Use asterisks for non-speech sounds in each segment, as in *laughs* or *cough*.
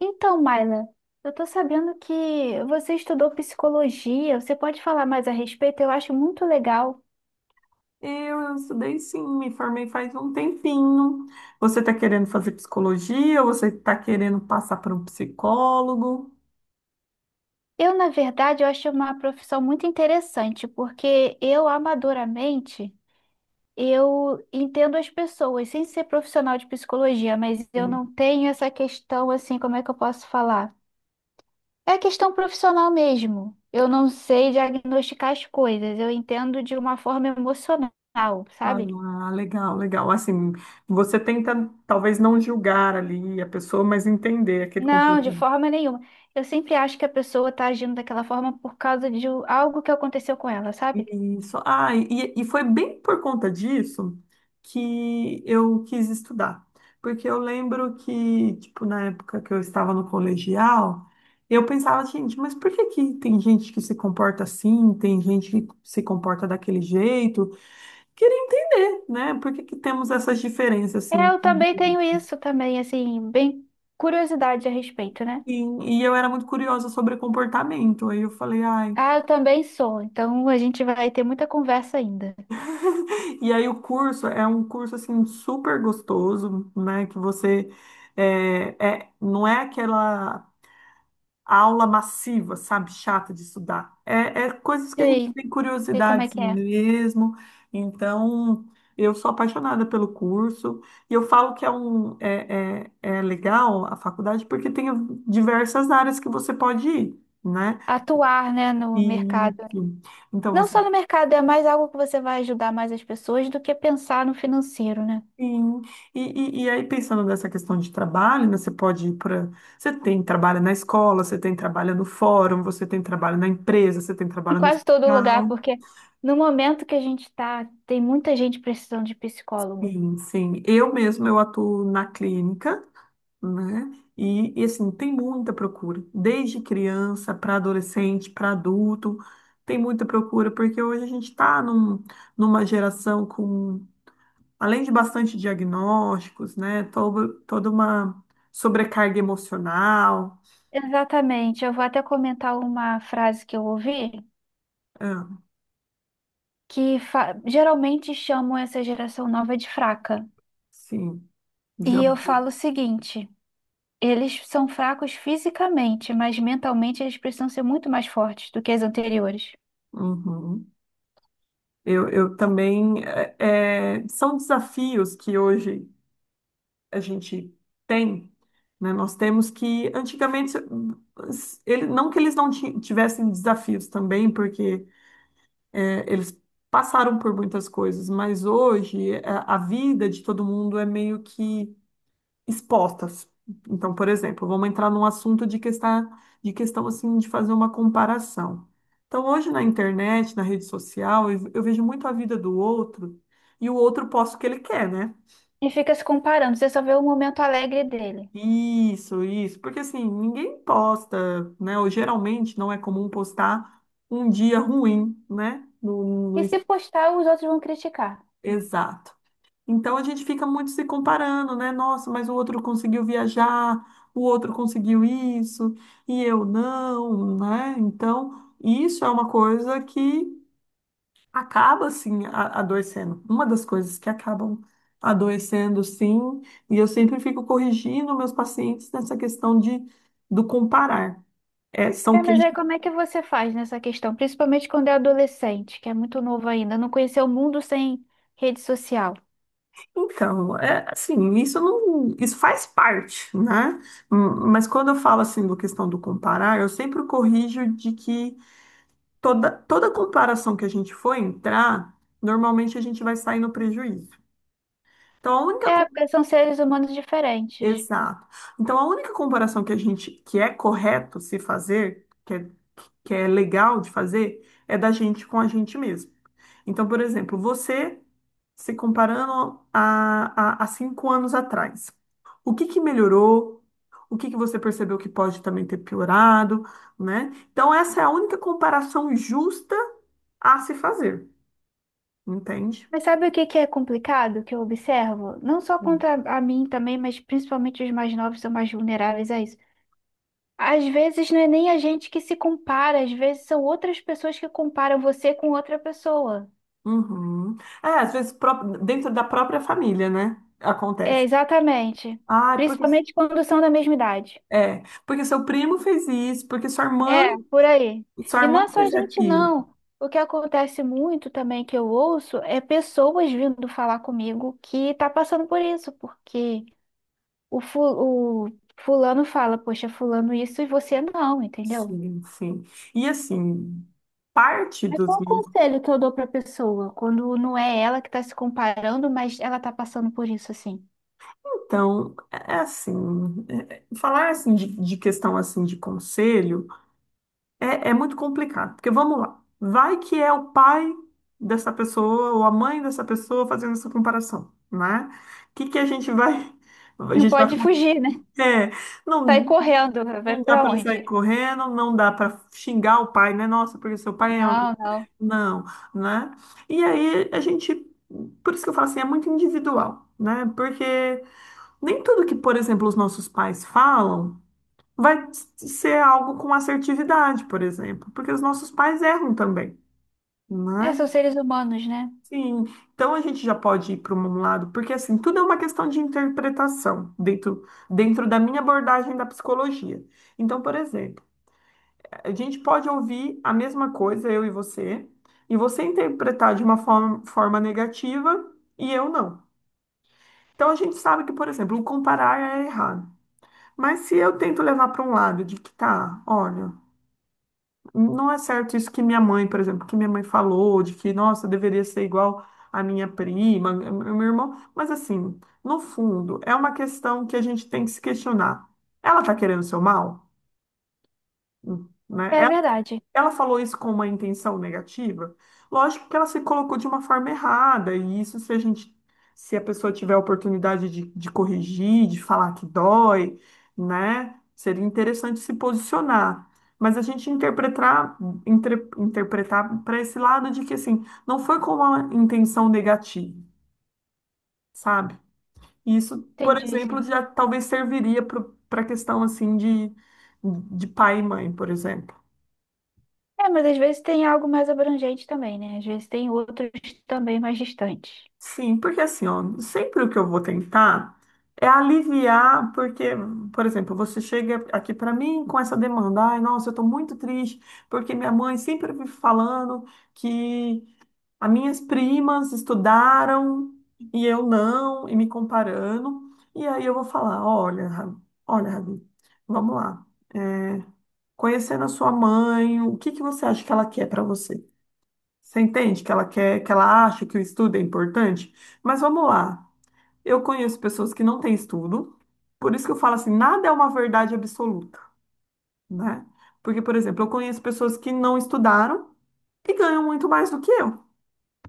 Então, Maila, eu tô sabendo que você estudou psicologia. Você pode falar mais a respeito? Eu acho muito legal. Eu estudei, sim, me formei faz um tempinho. Você está querendo fazer psicologia? Você está querendo passar por um psicólogo? Eu, na verdade, eu acho uma profissão muito interessante, porque eu, amadoramente, eu entendo as pessoas, sem ser profissional de psicologia, mas eu Sim. não tenho essa questão, assim, como é que eu posso falar? É questão profissional mesmo. Eu não sei diagnosticar as coisas, eu entendo de uma forma emocional, sabe? Ah, legal, legal. Assim, você tenta talvez não julgar ali a pessoa, mas entender aquele Não, de comportamento. forma nenhuma. Eu sempre acho que a pessoa tá agindo daquela forma por causa de algo que aconteceu com ela, sabe? Isso. Ah, e foi bem por conta disso que eu quis estudar. Porque eu lembro que, tipo, na época que eu estava no colegial, eu pensava, gente, mas por que que tem gente que se comporta assim, tem gente que se comporta daquele jeito? Queria entender, né? Por que que temos essas diferenças, É, assim? eu também tenho isso também, assim, bem curiosidade a respeito, né? E, e eu era muito curiosa sobre comportamento. Aí eu falei, ai. Ah, eu também sou, então a gente vai ter muita conversa ainda. E aí o curso é um curso assim super gostoso, né? Que você não é aquela aula massiva, sabe, chata de estudar. É coisas que E a gente aí, tem sei como é curiosidades que é? mesmo. Então eu sou apaixonada pelo curso e eu falo que é legal a faculdade porque tem diversas áreas que você pode ir, né? Atuar, né, no E mercado. então Não você. só no mercado, é mais algo que você vai ajudar mais as pessoas do que pensar no financeiro, né? Sim, e, e aí pensando nessa questão de trabalho, né, você pode ir para. Você tem trabalho na escola, você tem trabalho no fórum, você tem trabalho na empresa, você tem Em trabalho no quase todo lugar, hospital. porque no momento que a gente tá, tem muita gente precisando de psicólogo. Sim, sim. Eu mesma eu atuo na clínica, né? E, assim, tem muita procura, desde criança para adolescente, para adulto, tem muita procura, porque hoje a gente está numa geração com, além de bastante diagnósticos, né? Toda uma sobrecarga emocional. Exatamente. Eu vou até comentar uma frase que eu ouvi, Ah, que geralmente chamam essa geração nova de fraca. sim, já. E eu falo o seguinte: eles são fracos fisicamente, mas mentalmente eles precisam ser muito mais fortes do que as anteriores. Uhum. Eu também. São desafios que hoje a gente tem, né? Nós temos que, antigamente, ele, não que eles não tivessem desafios também, porque eles. Passaram por muitas coisas, mas hoje a vida de todo mundo é meio que expostas. Então, por exemplo, vamos entrar num assunto de questão, assim, de fazer uma comparação. Então, hoje na internet, na rede social, eu vejo muito a vida do outro e o outro posta o que ele quer, né? E fica se comparando, você só vê o momento alegre dele. Isso, porque, assim, ninguém posta, né? Ou geralmente não é comum postar um dia ruim, né? No, E no, no- se postar, os outros vão criticar. Exato. Então a gente fica muito se comparando, né? Nossa, mas o outro conseguiu viajar, o outro conseguiu isso e eu não, né? Então isso é uma coisa que acaba assim adoecendo. Uma das coisas que acabam adoecendo, sim. E eu sempre fico corrigindo meus pacientes nessa questão de do comparar. É, são. É, mas aí como é que você faz nessa questão? Principalmente quando é adolescente, que é muito novo ainda, não conheceu o mundo sem rede social. Então, é assim, isso não, isso faz parte, né? Hum. Mas quando eu falo assim do questão do comparar, eu sempre corrijo de que toda comparação que a gente for entrar, normalmente a gente vai sair no prejuízo. Então, a única É, porque são seres humanos diferentes. exato. Então, a única comparação que a gente, que é correto se fazer, que é legal de fazer, é da gente com a gente mesmo. Então, por exemplo, você se comparando a 5 anos atrás, o que que melhorou? O que que você percebeu que pode também ter piorado, né? Então, essa é a única comparação justa a se fazer, entende? Mas sabe o que que é complicado que eu observo? Não só contra a mim também, mas principalmente os mais novos são mais vulneráveis a isso. Às vezes não é nem a gente que se compara, às vezes são outras pessoas que comparam você com outra pessoa. Uhum. É, às vezes dentro da própria família, né? É, Acontece. exatamente. Ah, porque, Principalmente quando são da mesma idade. é, porque seu primo fez isso, porque É, por aí. sua E não irmã é só a fez gente, aquilo. não. O que acontece muito também que eu ouço é pessoas vindo falar comigo que tá passando por isso, porque o fulano fala, poxa, fulano isso e você não, entendeu? Sim, sim. E, assim, parte Mas dos. qual o conselho que eu dou pra pessoa quando não é ela que tá se comparando, mas ela tá passando por isso assim? Então, é assim, falar assim de questão assim de conselho é, é muito complicado, porque vamos lá, vai que é o pai dessa pessoa ou a mãe dessa pessoa fazendo essa comparação, né? O que que a gente vai, a Não gente vai, pode fugir, né? é, Sai não, correndo, vai não dá pra para onde? sair correndo, não dá para xingar o pai, né? Nossa, porque seu pai é, Não, não. não, né? E aí a gente, por isso que eu falo assim, é muito individual, né? Porque nem tudo que, por exemplo, os nossos pais falam vai ser algo com assertividade, por exemplo, porque os nossos pais erram também, É, né? são seres humanos, né? Sim, então a gente já pode ir para um lado, porque, assim, tudo é uma questão de interpretação dentro da minha abordagem da psicologia. Então, por exemplo, a gente pode ouvir a mesma coisa, eu e você interpretar de uma forma negativa e eu não. Então a gente sabe que, por exemplo, o comparar é errado. Mas se eu tento levar para um lado de que tá, olha, não é certo isso que minha mãe, por exemplo, que minha mãe falou, de que, nossa, eu deveria ser igual à minha prima, ao meu irmão, mas, assim, no fundo, é uma questão que a gente tem que se questionar. Ela tá querendo o seu mal? Né? É verdade, Ela falou isso com uma intenção negativa? Lógico que ela se colocou de uma forma errada, e isso se a gente, se a pessoa tiver a oportunidade de corrigir, de falar que dói, né? Seria interessante se posicionar. Mas a gente interpretar, interpretar para esse lado de que, assim, não foi com uma intenção negativa, sabe? Isso, por entendi, exemplo, sim. já talvez serviria para a questão assim de pai e mãe, por exemplo. É, mas às vezes tem algo mais abrangente também, né? Às vezes tem outros também mais distantes. Sim, porque assim, ó, sempre o que eu vou tentar é aliviar, porque, por exemplo, você chega aqui para mim com essa demanda, ai, nossa, eu tô muito triste, porque minha mãe sempre me falando que as minhas primas estudaram e eu não, e me comparando, e aí eu vou falar, olha, Rabi, vamos lá, é, conhecendo a sua mãe, o que que você acha que ela quer para você? Você entende que ela quer, que ela acha que o estudo é importante? Mas vamos lá. Eu conheço pessoas que não têm estudo, por isso que eu falo assim, nada é uma verdade absoluta, né? Porque, por exemplo, eu conheço pessoas que não estudaram e ganham muito mais do que eu,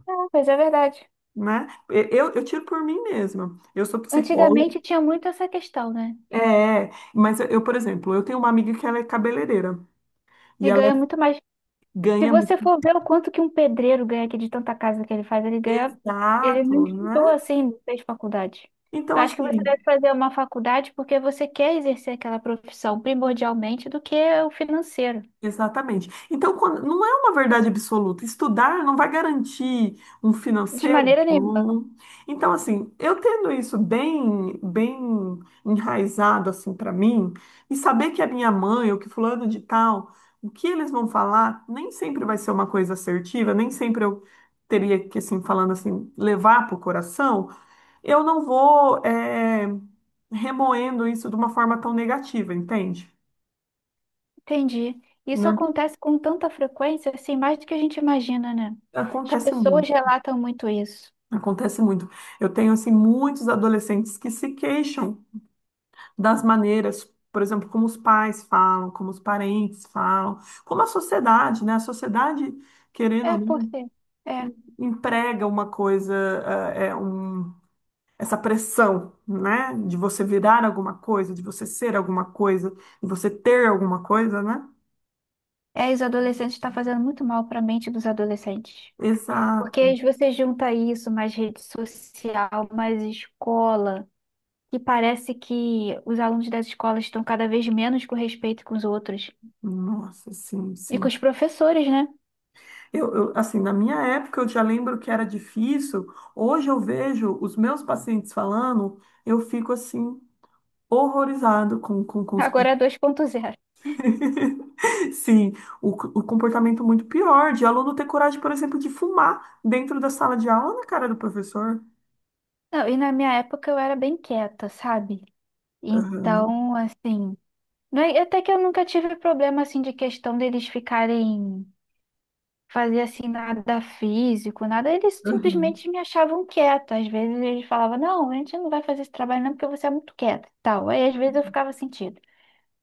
Ah, mas é verdade. né? Eu tiro por mim mesma. Eu sou psicóloga, Antigamente tinha muito essa questão, né? é, mas eu, por exemplo, eu tenho uma amiga que ela é cabeleireira e De ela ganhar muito mais. Se ganha muito. você for ver o quanto que um pedreiro ganha aqui de tanta casa que ele faz, ele ganha. Ele não Exato, estudou né? assim, não fez faculdade. Então, Eu acho que você assim, deve fazer uma faculdade porque você quer exercer aquela profissão primordialmente do que o financeiro. exatamente. Então, não é uma verdade absoluta. Estudar não vai garantir um De financeiro maneira nenhuma. bom. Então, assim, eu tendo isso bem, bem enraizado assim para mim e saber que a minha mãe ou que fulano de tal, o que eles vão falar, nem sempre vai ser uma coisa assertiva, nem sempre eu teria que assim falando assim levar para o coração. Eu não vou remoendo isso de uma forma tão negativa, entende? Entendi. Isso Né? acontece com tanta frequência, assim, mais do que a gente imagina, né? As Acontece pessoas muito. relatam muito isso. Acontece muito. Eu tenho, assim, muitos adolescentes que se queixam das maneiras, por exemplo, como os pais falam, como os parentes falam, como a sociedade, né? A sociedade, querendo ou É, por não, quê? É. emprega uma coisa, eh, é um, essa pressão, né? De você virar alguma coisa, de você ser alguma coisa, de você ter alguma coisa, né? É, os adolescentes está fazendo muito mal para a mente dos adolescentes. Exato. Porque aí você junta isso, mais rede social, mais escola, e parece que os alunos das escolas estão cada vez menos com respeito com os outros. Nossa, sim, E com sim. os professores, né? Eu, assim, na minha época eu já lembro que era difícil. Hoje eu vejo os meus pacientes falando, eu fico assim, horrorizado com os. Agora é 2.0. *laughs* Sim, o comportamento muito pior de aluno ter coragem, por exemplo, de fumar dentro da sala de aula na cara do professor. Não, e na minha época eu era bem quieta, sabe? Aham, Então, assim, não é- até que eu nunca tive problema assim de questão deles ficarem, fazia assim nada físico, nada, eles aham. simplesmente me achavam quieta. Às vezes eles falavam, não, a gente não vai fazer esse trabalho não porque você é muito quieta, tal. Aí às vezes eu ficava sentido,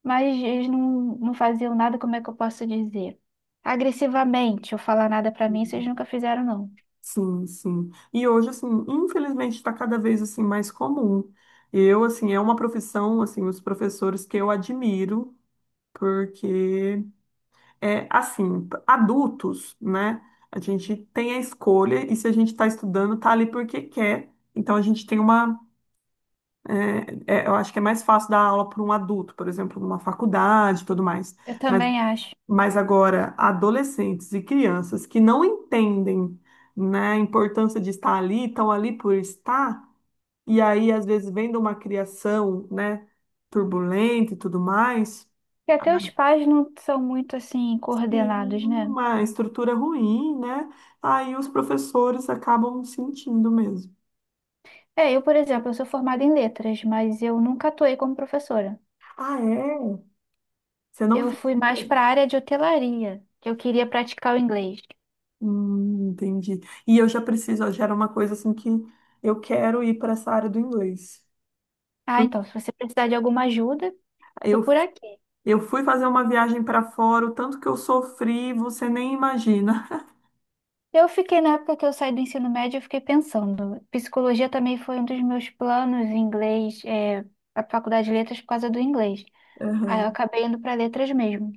mas eles não, não faziam nada, como é que eu posso dizer? Agressivamente, ou falar nada pra mim, vocês nunca fizeram não. Sim, sim. E hoje, assim, infelizmente está cada vez assim mais comum. Eu, assim, é uma profissão, assim, os professores que eu admiro, porque é, assim, adultos, né? A gente tem a escolha e se a gente está estudando, tá ali porque quer. Então a gente tem uma, eu acho que é mais fácil dar aula para um adulto, por exemplo, numa faculdade e tudo mais. Eu Mas, também acho. mas agora, adolescentes e crianças que não entendem, né, a importância de estar ali, estão ali por estar, e aí, às vezes, vendo uma criação, né, turbulenta e tudo mais. E até os pais não são muito assim Sim, coordenados, né? uma estrutura ruim, né? Aí os professores acabam sentindo mesmo. É, eu, por exemplo, eu sou formada em letras, mas eu nunca atuei como professora. Ah, é? Você não Eu fez. fui mais para a área de hotelaria, que eu queria praticar o inglês. Entendi. E eu já preciso, já era uma coisa assim que eu quero ir para essa área do inglês. Ah, Por- então, se você precisar de alguma ajuda, tô Eu, por aqui. eu fui fazer uma viagem para fora, o tanto que eu sofri, você nem imagina. Eu fiquei, na época que eu saí do ensino médio, eu fiquei pensando. Psicologia também foi um dos meus planos, inglês, é, a faculdade de letras por causa do inglês. *laughs* Aí eu Aham. acabei indo para letras mesmo.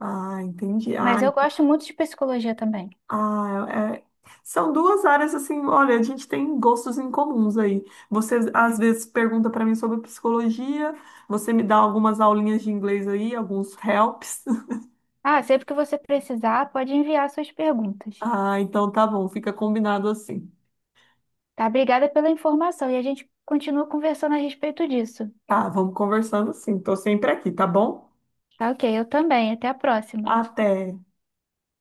Ah, entendi. Mas Ah, eu gosto muito de psicologia também. Ah, é- é, são duas áreas assim, olha, a gente tem gostos em comuns aí. Você às vezes pergunta para mim sobre psicologia, você me dá algumas aulinhas de inglês aí, alguns helps. *laughs* Ah, sempre que você precisar, pode enviar suas perguntas. Ah, então tá bom, fica combinado assim. Tá? Obrigada pela informação e a gente continua conversando a respeito disso. Tá, vamos conversando assim. Tô sempre aqui, tá bom? Tá ok, eu também. Até a próxima. Até.